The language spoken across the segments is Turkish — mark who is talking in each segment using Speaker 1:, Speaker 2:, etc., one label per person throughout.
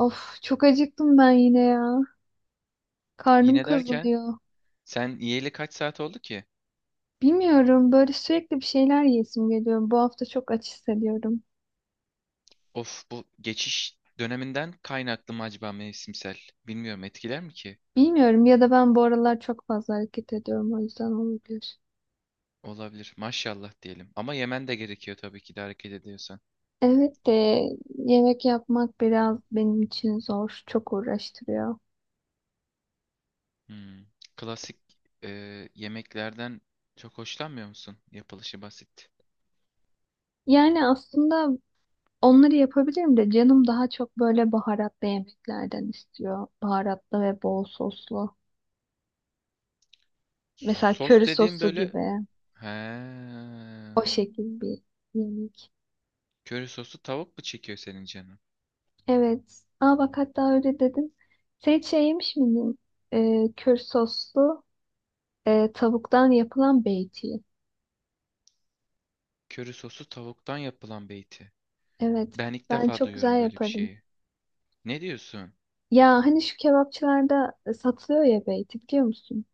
Speaker 1: Of çok acıktım ben yine ya. Karnım
Speaker 2: Yine derken
Speaker 1: kazınıyor.
Speaker 2: sen yiyeli kaç saat oldu ki?
Speaker 1: Bilmiyorum, böyle sürekli bir şeyler yesim geliyor. Bu hafta çok aç hissediyorum.
Speaker 2: Of bu geçiş döneminden kaynaklı mı acaba mevsimsel? Bilmiyorum etkiler mi ki?
Speaker 1: Bilmiyorum, ya da ben bu aralar çok fazla hareket ediyorum, o yüzden olabilir.
Speaker 2: Olabilir. Maşallah diyelim. Ama yemen de gerekiyor tabii ki de hareket ediyorsan.
Speaker 1: Evet de yemek yapmak biraz benim için zor. Çok uğraştırıyor.
Speaker 2: Hmm. Klasik yemeklerden çok hoşlanmıyor musun? Yapılışı basit.
Speaker 1: Yani aslında onları yapabilirim de canım daha çok böyle baharatlı yemeklerden istiyor. Baharatlı ve bol soslu. Mesela
Speaker 2: Sos
Speaker 1: köri
Speaker 2: dediğim
Speaker 1: soslu
Speaker 2: böyle...
Speaker 1: gibi.
Speaker 2: He.
Speaker 1: O şekil bir yemek.
Speaker 2: Köri sosu tavuk mu çekiyor senin canın?
Speaker 1: Evet. Aa bak hatta öyle dedin. Sen hiç şey yemiş miydin? Kür soslu tavuktan yapılan beyti.
Speaker 2: Köri sosu tavuktan yapılan beyti.
Speaker 1: Evet.
Speaker 2: Ben ilk
Speaker 1: Ben
Speaker 2: defa
Speaker 1: çok
Speaker 2: duyuyorum
Speaker 1: güzel
Speaker 2: böyle bir
Speaker 1: yaparım.
Speaker 2: şeyi. Ne diyorsun?
Speaker 1: Ya hani şu kebapçılarda satılıyor ya beyti, biliyor musun?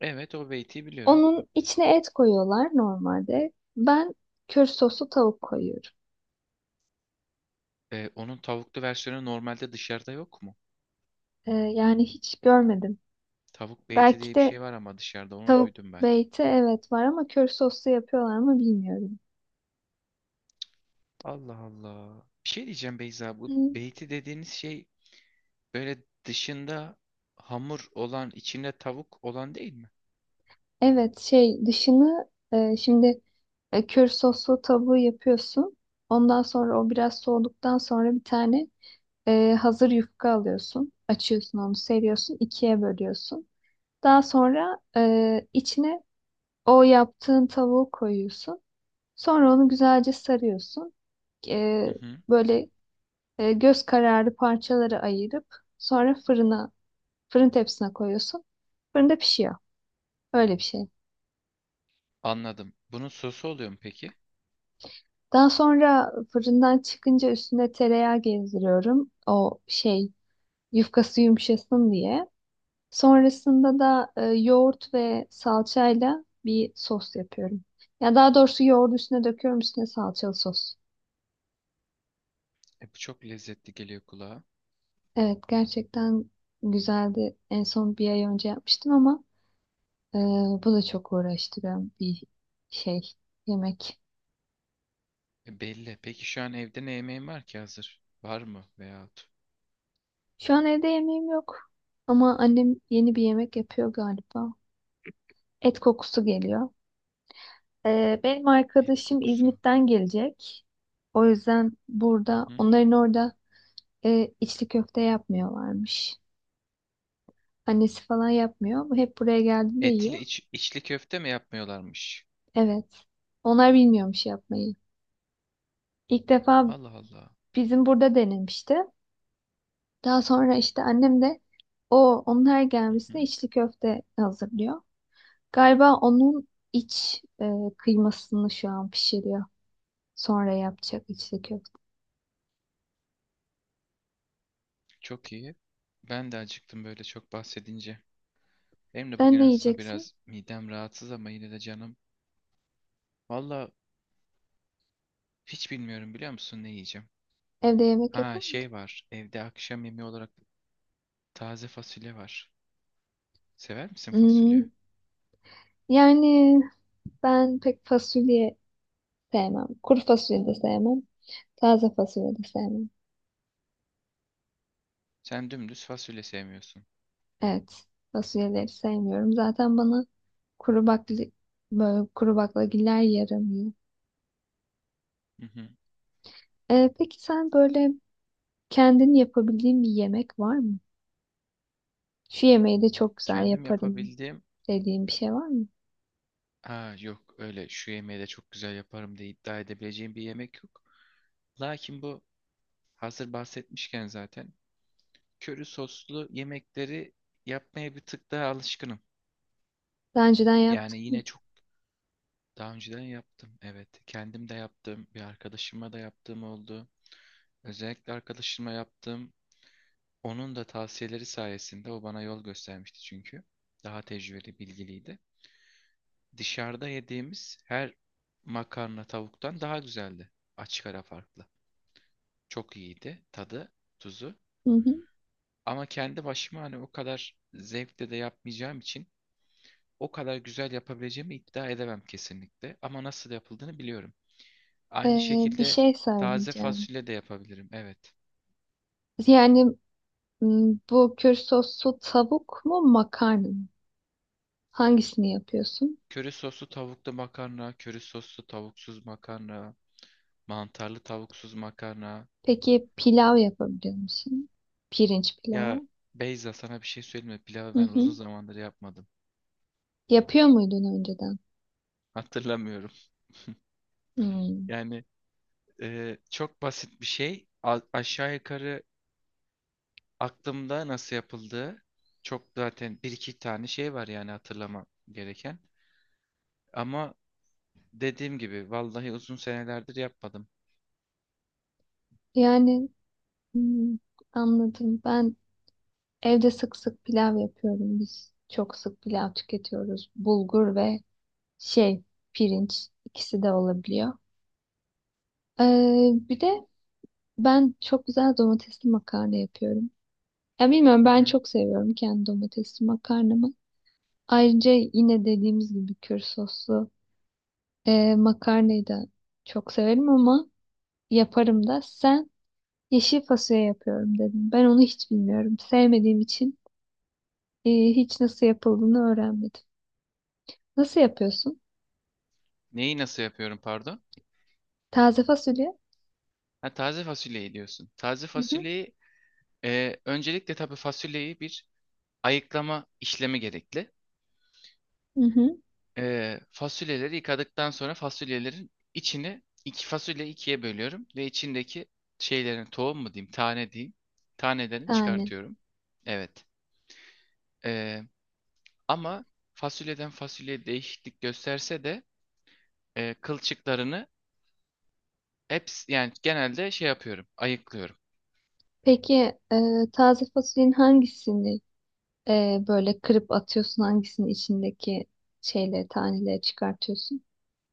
Speaker 2: Evet o beyti biliyorum.
Speaker 1: Onun içine et koyuyorlar normalde. Ben kür soslu tavuk koyuyorum.
Speaker 2: Onun tavuklu versiyonu normalde dışarıda yok mu?
Speaker 1: Yani hiç görmedim.
Speaker 2: Tavuk beyti
Speaker 1: Belki
Speaker 2: diye bir
Speaker 1: de
Speaker 2: şey var ama dışarıda onu
Speaker 1: tavuk
Speaker 2: duydum ben.
Speaker 1: beyti evet var ama kür soslu yapıyorlar mı bilmiyorum.
Speaker 2: Allah Allah. Bir şey diyeceğim Beyza, bu
Speaker 1: Hı.
Speaker 2: beyti dediğiniz şey böyle dışında hamur olan içinde tavuk olan değil mi?
Speaker 1: Evet şey dışını şimdi kür soslu tavuğu yapıyorsun. Ondan sonra o biraz soğuduktan sonra bir tane hazır yufka alıyorsun. Açıyorsun onu, seriyorsun, ikiye bölüyorsun. Daha sonra içine o yaptığın tavuğu koyuyorsun. Sonra onu güzelce sarıyorsun. E,
Speaker 2: Hı hı.
Speaker 1: böyle göz kararı parçaları ayırıp sonra fırına, fırın tepsisine koyuyorsun. Fırında pişiyor. Öyle bir şey.
Speaker 2: Anladım. Bunun sosu oluyor mu peki?
Speaker 1: Daha sonra fırından çıkınca üstüne tereyağı gezdiriyorum. O şey yufkası yumuşasın diye. Sonrasında da yoğurt ve salçayla bir sos yapıyorum. Ya daha doğrusu yoğurdu üstüne döküyorum, üstüne salçalı sos.
Speaker 2: Bu çok lezzetli geliyor kulağa.
Speaker 1: Evet gerçekten güzeldi. En son bir ay önce yapmıştım ama e, bu da çok uğraştıran bir şey yemek.
Speaker 2: Belli. Peki şu an evde ne yemeğin var ki hazır? Var mı veyahut
Speaker 1: Şu an evde yemeğim yok ama annem yeni bir yemek yapıyor galiba. Et kokusu geliyor. Benim
Speaker 2: et
Speaker 1: arkadaşım
Speaker 2: kokusu?
Speaker 1: İzmit'ten gelecek. O yüzden
Speaker 2: Hı
Speaker 1: burada,
Speaker 2: hı.
Speaker 1: onların orada içli köfte yapmıyorlarmış. Annesi falan yapmıyor. Bu hep buraya geldiğinde
Speaker 2: Etli
Speaker 1: yiyor.
Speaker 2: içli köfte mi yapmıyorlarmış?
Speaker 1: Evet. Onlar bilmiyormuş yapmayı. İlk defa
Speaker 2: Allah Allah.
Speaker 1: bizim burada denemişti. Daha sonra işte annem de o onlar
Speaker 2: Hı
Speaker 1: gelmesine
Speaker 2: hı.
Speaker 1: içli köfte hazırlıyor. Galiba onun iç kıymasını şu an pişiriyor. Sonra yapacak içli köfte.
Speaker 2: Çok iyi. Ben de acıktım böyle çok bahsedince. Benim de
Speaker 1: Sen
Speaker 2: bugün
Speaker 1: ne
Speaker 2: aslında
Speaker 1: yiyeceksin?
Speaker 2: biraz midem rahatsız ama yine de canım. Valla hiç bilmiyorum, biliyor musun ne yiyeceğim?
Speaker 1: Evde yemek
Speaker 2: Ha,
Speaker 1: yapamadın.
Speaker 2: şey var. Evde akşam yemeği olarak taze fasulye var. Sever misin fasulye?
Speaker 1: Hmm, yani ben pek fasulye sevmem. Kuru fasulye de sevmem. Taze fasulye de sevmem.
Speaker 2: Sen dümdüz fasulye sevmiyorsun.
Speaker 1: Evet. Fasulyeleri sevmiyorum. Zaten bana kuru bakli, böyle kuru baklagiller yaramıyor.
Speaker 2: Hı hı.
Speaker 1: Peki sen böyle kendin yapabildiğin bir yemek var mı? Şu yemeği de çok güzel
Speaker 2: Kendim
Speaker 1: yaparım
Speaker 2: yapabildiğim...
Speaker 1: dediğin bir şey var mı?
Speaker 2: Ha yok, öyle şu yemeği de çok güzel yaparım diye iddia edebileceğim bir yemek yok. Lakin bu hazır bahsetmişken zaten. Köri soslu yemekleri yapmaya bir tık daha alışkınım.
Speaker 1: Daha önceden
Speaker 2: Yani
Speaker 1: yaptım.
Speaker 2: yine çok daha önceden yaptım. Evet, kendim de yaptım. Bir arkadaşıma da yaptığım oldu. Özellikle arkadaşıma yaptığım, onun da tavsiyeleri sayesinde. O bana yol göstermişti çünkü. Daha tecrübeli, bilgiliydi. Dışarıda yediğimiz her makarna tavuktan daha güzeldi. Açık ara farklı. Çok iyiydi tadı, tuzu.
Speaker 1: Hı hı.
Speaker 2: Ama kendi başıma hani o kadar zevkle de yapmayacağım için o kadar güzel yapabileceğimi iddia edemem kesinlikle. Ama nasıl yapıldığını biliyorum. Aynı
Speaker 1: Bir
Speaker 2: şekilde
Speaker 1: şey
Speaker 2: taze
Speaker 1: söyleyeceğim.
Speaker 2: fasulye de yapabilirim. Evet.
Speaker 1: Yani bu kür soslu tavuk mu makarna mı? Hangisini yapıyorsun?
Speaker 2: Köri soslu tavuklu makarna, köri soslu tavuksuz makarna, mantarlı tavuksuz makarna.
Speaker 1: Peki pilav yapabiliyor musun? Pirinç
Speaker 2: Ya
Speaker 1: pilavı.
Speaker 2: Beyza, sana bir şey söyleyeyim mi? Pilavı
Speaker 1: Hı
Speaker 2: ben uzun
Speaker 1: hı.
Speaker 2: zamandır yapmadım.
Speaker 1: Yapıyor muydun önceden?
Speaker 2: Hatırlamıyorum.
Speaker 1: Hmm.
Speaker 2: Yani çok basit bir şey. Aşağı yukarı aklımda nasıl yapıldığı, çok zaten bir iki tane şey var yani hatırlamam gereken. Ama dediğim gibi vallahi uzun senelerdir yapmadım.
Speaker 1: Yani hmm, anladım. Ben evde sık sık pilav yapıyorum. Biz çok sık pilav tüketiyoruz. Bulgur ve şey pirinç, ikisi de olabiliyor. Bir de ben çok güzel domatesli makarna yapıyorum. Ya bilmiyorum,
Speaker 2: Hı
Speaker 1: ben
Speaker 2: hı.
Speaker 1: çok seviyorum kendi domatesli makarnamı. Ayrıca yine dediğimiz gibi kür soslu makarnayı da çok severim ama yaparım da. Sen Yeşil fasulye yapıyorum dedim. Ben onu hiç bilmiyorum. Sevmediğim için hiç nasıl yapıldığını öğrenmedim. Nasıl yapıyorsun?
Speaker 2: Neyi nasıl yapıyorum pardon?
Speaker 1: Taze fasulye?
Speaker 2: Ha, taze fasulyeyi diyorsun. Taze
Speaker 1: Hı hı.
Speaker 2: fasulyeyi öncelikle, tabii fasulyeyi bir ayıklama işlemi gerekli.
Speaker 1: Hı hı.
Speaker 2: Fasulyeleri yıkadıktan sonra fasulyelerin içini, iki fasulye, ikiye bölüyorum ve içindeki şeylerin, tohum mu diyeyim, tane diyeyim, tanelerini
Speaker 1: Tane.
Speaker 2: çıkartıyorum. Evet. E, Ama fasulyeden fasulyeye değişiklik gösterse de kılçıklarını hepsi, yani genelde şey yapıyorum, ayıklıyorum.
Speaker 1: Peki taze fasulyenin hangisini böyle kırıp atıyorsun? Hangisini içindeki şeyleri, taneleri çıkartıyorsun?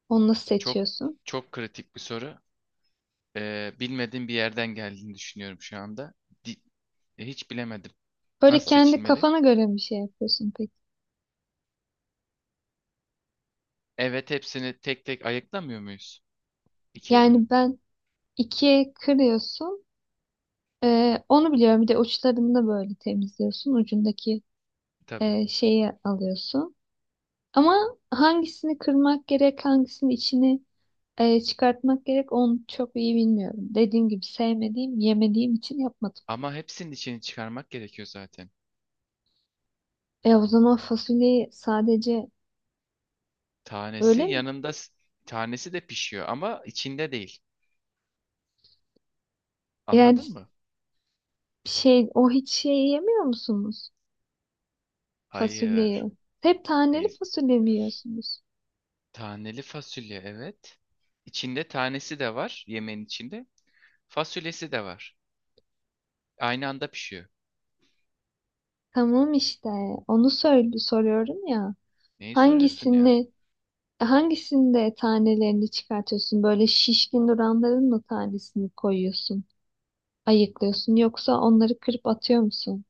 Speaker 1: Onu nasıl
Speaker 2: Çok
Speaker 1: seçiyorsun?
Speaker 2: çok kritik bir soru. Bilmediğim bir yerden geldiğini düşünüyorum şu anda. Di- Hiç bilemedim.
Speaker 1: Böyle
Speaker 2: Nasıl
Speaker 1: kendi
Speaker 2: seçilmeli?
Speaker 1: kafana göre bir şey yapıyorsun peki.
Speaker 2: Evet, hepsini tek tek ayıklamıyor muyuz? İkiye bölüp.
Speaker 1: Yani ben ikiye kırıyorsun. Onu biliyorum. Bir de uçlarını da böyle temizliyorsun. Ucundaki
Speaker 2: Tabii.
Speaker 1: şeyi alıyorsun. Ama hangisini kırmak gerek, hangisinin içini çıkartmak gerek, onu çok iyi bilmiyorum. Dediğim gibi sevmediğim, yemediğim için yapmadım.
Speaker 2: Ama hepsinin içini çıkarmak gerekiyor zaten.
Speaker 1: E o zaman fasulyeyi sadece
Speaker 2: Tanesi
Speaker 1: öyle mi?
Speaker 2: yanında, s- Tanesi de pişiyor ama içinde değil.
Speaker 1: Yani
Speaker 2: Anladın mı?
Speaker 1: şey, o hiç şey yemiyor musunuz? Fasulyeyi.
Speaker 2: Hayır.
Speaker 1: Hep taneli
Speaker 2: Ey-
Speaker 1: fasulye mi yiyorsunuz?
Speaker 2: Taneli fasulye, evet. İçinde tanesi de var, yemeğin içinde. Fasulyesi de var. Aynı anda pişiyor.
Speaker 1: Tamam işte onu söyle, soruyorum ya.
Speaker 2: Neyi soruyorsun ya?
Speaker 1: Hangisini hangisinde tanelerini çıkartıyorsun? Böyle şişkin duranların mı tanesini koyuyorsun? Ayıklıyorsun, yoksa onları kırıp atıyor musun?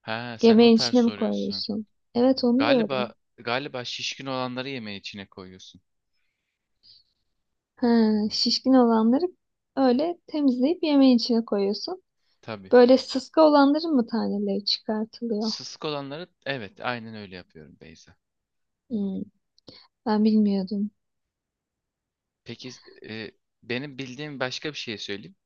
Speaker 2: Ha, sen o
Speaker 1: Yemeğin
Speaker 2: tarz
Speaker 1: içine mi
Speaker 2: soruyorsun.
Speaker 1: koyuyorsun? Evet onu diyorum.
Speaker 2: Galiba şişkin olanları yemeğin içine koyuyorsun.
Speaker 1: Ha, şişkin olanları öyle temizleyip yemeğin içine koyuyorsun.
Speaker 2: Tabii.
Speaker 1: Böyle sıska olanların mı taneleri çıkartılıyor?
Speaker 2: Sısık olanları, evet, aynen öyle yapıyorum Beyza.
Speaker 1: Hmm, ben bilmiyordum.
Speaker 2: Peki e, benim bildiğim başka bir şey söyleyeyim.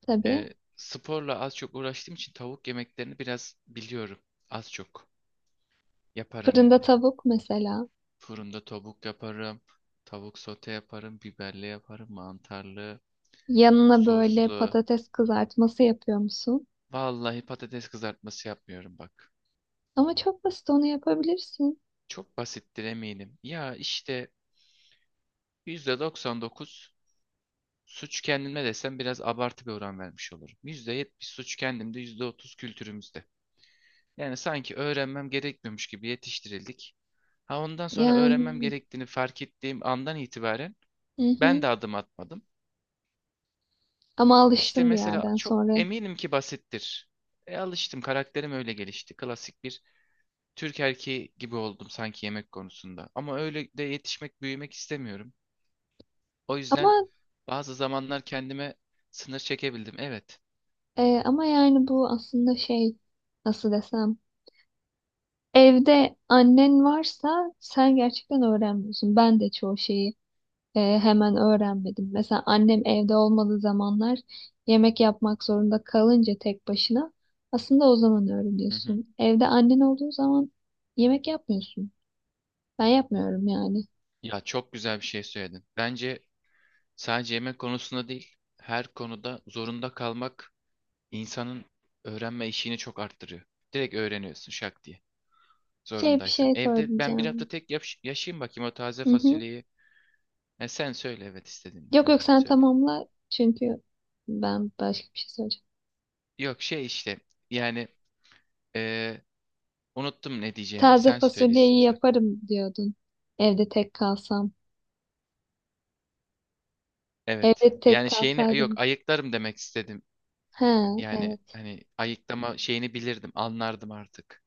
Speaker 1: Tabii.
Speaker 2: Sporla az çok uğraştığım için tavuk yemeklerini biraz biliyorum. Az çok. Yaparım
Speaker 1: Fırında
Speaker 2: yani.
Speaker 1: tavuk mesela.
Speaker 2: Fırında tavuk yaparım. Tavuk sote yaparım. Biberli yaparım. Mantarlı.
Speaker 1: Yanına böyle
Speaker 2: Soslu.
Speaker 1: patates kızartması yapıyor musun?
Speaker 2: Vallahi patates kızartması yapmıyorum bak.
Speaker 1: Ama çok basit, onu yapabilirsin.
Speaker 2: Çok basittir eminim. Ya işte %99 suç kendime desem biraz abartı bir oran vermiş olurum. %70 suç kendimde, %30 kültürümüzde. Yani sanki öğrenmem gerekmiyormuş gibi yetiştirildik. Ha ondan sonra öğrenmem
Speaker 1: Yani
Speaker 2: gerektiğini fark ettiğim andan itibaren
Speaker 1: hı
Speaker 2: ben de
Speaker 1: hı.
Speaker 2: adım atmadım.
Speaker 1: Ama
Speaker 2: İşte
Speaker 1: alıştım bir
Speaker 2: mesela
Speaker 1: yerden
Speaker 2: çok
Speaker 1: sonra.
Speaker 2: eminim ki basittir. Alıştım, karakterim öyle gelişti. Klasik bir Türk erkeği gibi oldum sanki yemek konusunda. Ama öyle de yetişmek, büyümek istemiyorum. O yüzden
Speaker 1: Ama
Speaker 2: bazı zamanlar kendime sınır çekebildim. Evet.
Speaker 1: Ama yani bu aslında şey, nasıl desem, evde annen varsa sen gerçekten öğrenmiyorsun. Ben de çoğu şeyi hemen öğrenmedim. Mesela annem evde olmadığı zamanlar yemek yapmak zorunda kalınca tek başına, aslında o zaman
Speaker 2: Hı hı.
Speaker 1: öğreniyorsun. Evde annen olduğu zaman yemek yapmıyorsun. Ben yapmıyorum yani.
Speaker 2: Ya çok güzel bir şey söyledin. Bence sadece yemek konusunda değil, her konuda zorunda kalmak insanın öğrenme işini çok arttırıyor. Direkt öğreniyorsun şak diye.
Speaker 1: Şey, bir
Speaker 2: Zorundaysan.
Speaker 1: şey
Speaker 2: Evde ben bir hafta
Speaker 1: söyleyeceğim.
Speaker 2: tek yaşayayım bakayım o taze
Speaker 1: Hı hı.
Speaker 2: fasulyeyi. Sen söyle evet istediğini.
Speaker 1: Yok
Speaker 2: Ha
Speaker 1: yok, sen
Speaker 2: söyle.
Speaker 1: tamamla çünkü ben başka bir şey söyleyeceğim.
Speaker 2: Yok şey işte yani e, unuttum ne diyeceğimi.
Speaker 1: Taze
Speaker 2: Sen söyle
Speaker 1: fasulyeyi
Speaker 2: istiyorsan.
Speaker 1: yaparım diyordun. Evde tek kalsam.
Speaker 2: Evet.
Speaker 1: Evde tek
Speaker 2: Yani şeyini, yok,
Speaker 1: kalsaydım.
Speaker 2: ayıklarım demek istedim.
Speaker 1: He,
Speaker 2: Yani
Speaker 1: evet.
Speaker 2: hani ayıklama şeyini bilirdim, anlardım artık.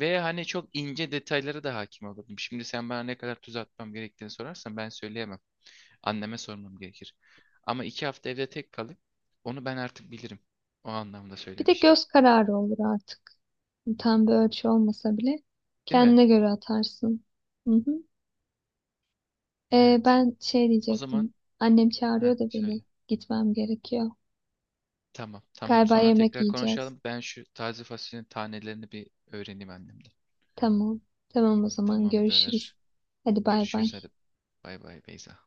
Speaker 2: Ve hani çok ince detaylara da hakim olurdum. Şimdi sen bana ne kadar tuz atmam gerektiğini sorarsan ben söyleyemem. Anneme sormam gerekir. Ama 2 hafta evde tek kalıp onu ben artık bilirim. O anlamda
Speaker 1: Bir de
Speaker 2: söylemiştim.
Speaker 1: göz kararı olur artık. Tam bir ölçü olmasa bile
Speaker 2: Değil mi?
Speaker 1: kendine göre atarsın. Hı hı.
Speaker 2: Evet.
Speaker 1: Ben şey
Speaker 2: O zaman
Speaker 1: diyecektim. Annem
Speaker 2: heh,
Speaker 1: çağırıyor da beni.
Speaker 2: söyle.
Speaker 1: Gitmem gerekiyor.
Speaker 2: Tamam, tamam.
Speaker 1: Galiba
Speaker 2: Sonra
Speaker 1: yemek
Speaker 2: tekrar
Speaker 1: yiyeceğiz.
Speaker 2: konuşalım. Ben şu taze fasulyenin tanelerini bir öğreneyim annemden.
Speaker 1: Tamam. Tamam o zaman görüşürüz.
Speaker 2: Tamamdır.
Speaker 1: Hadi bay bay.
Speaker 2: Görüşürüz hadi. Bay bay Beyza.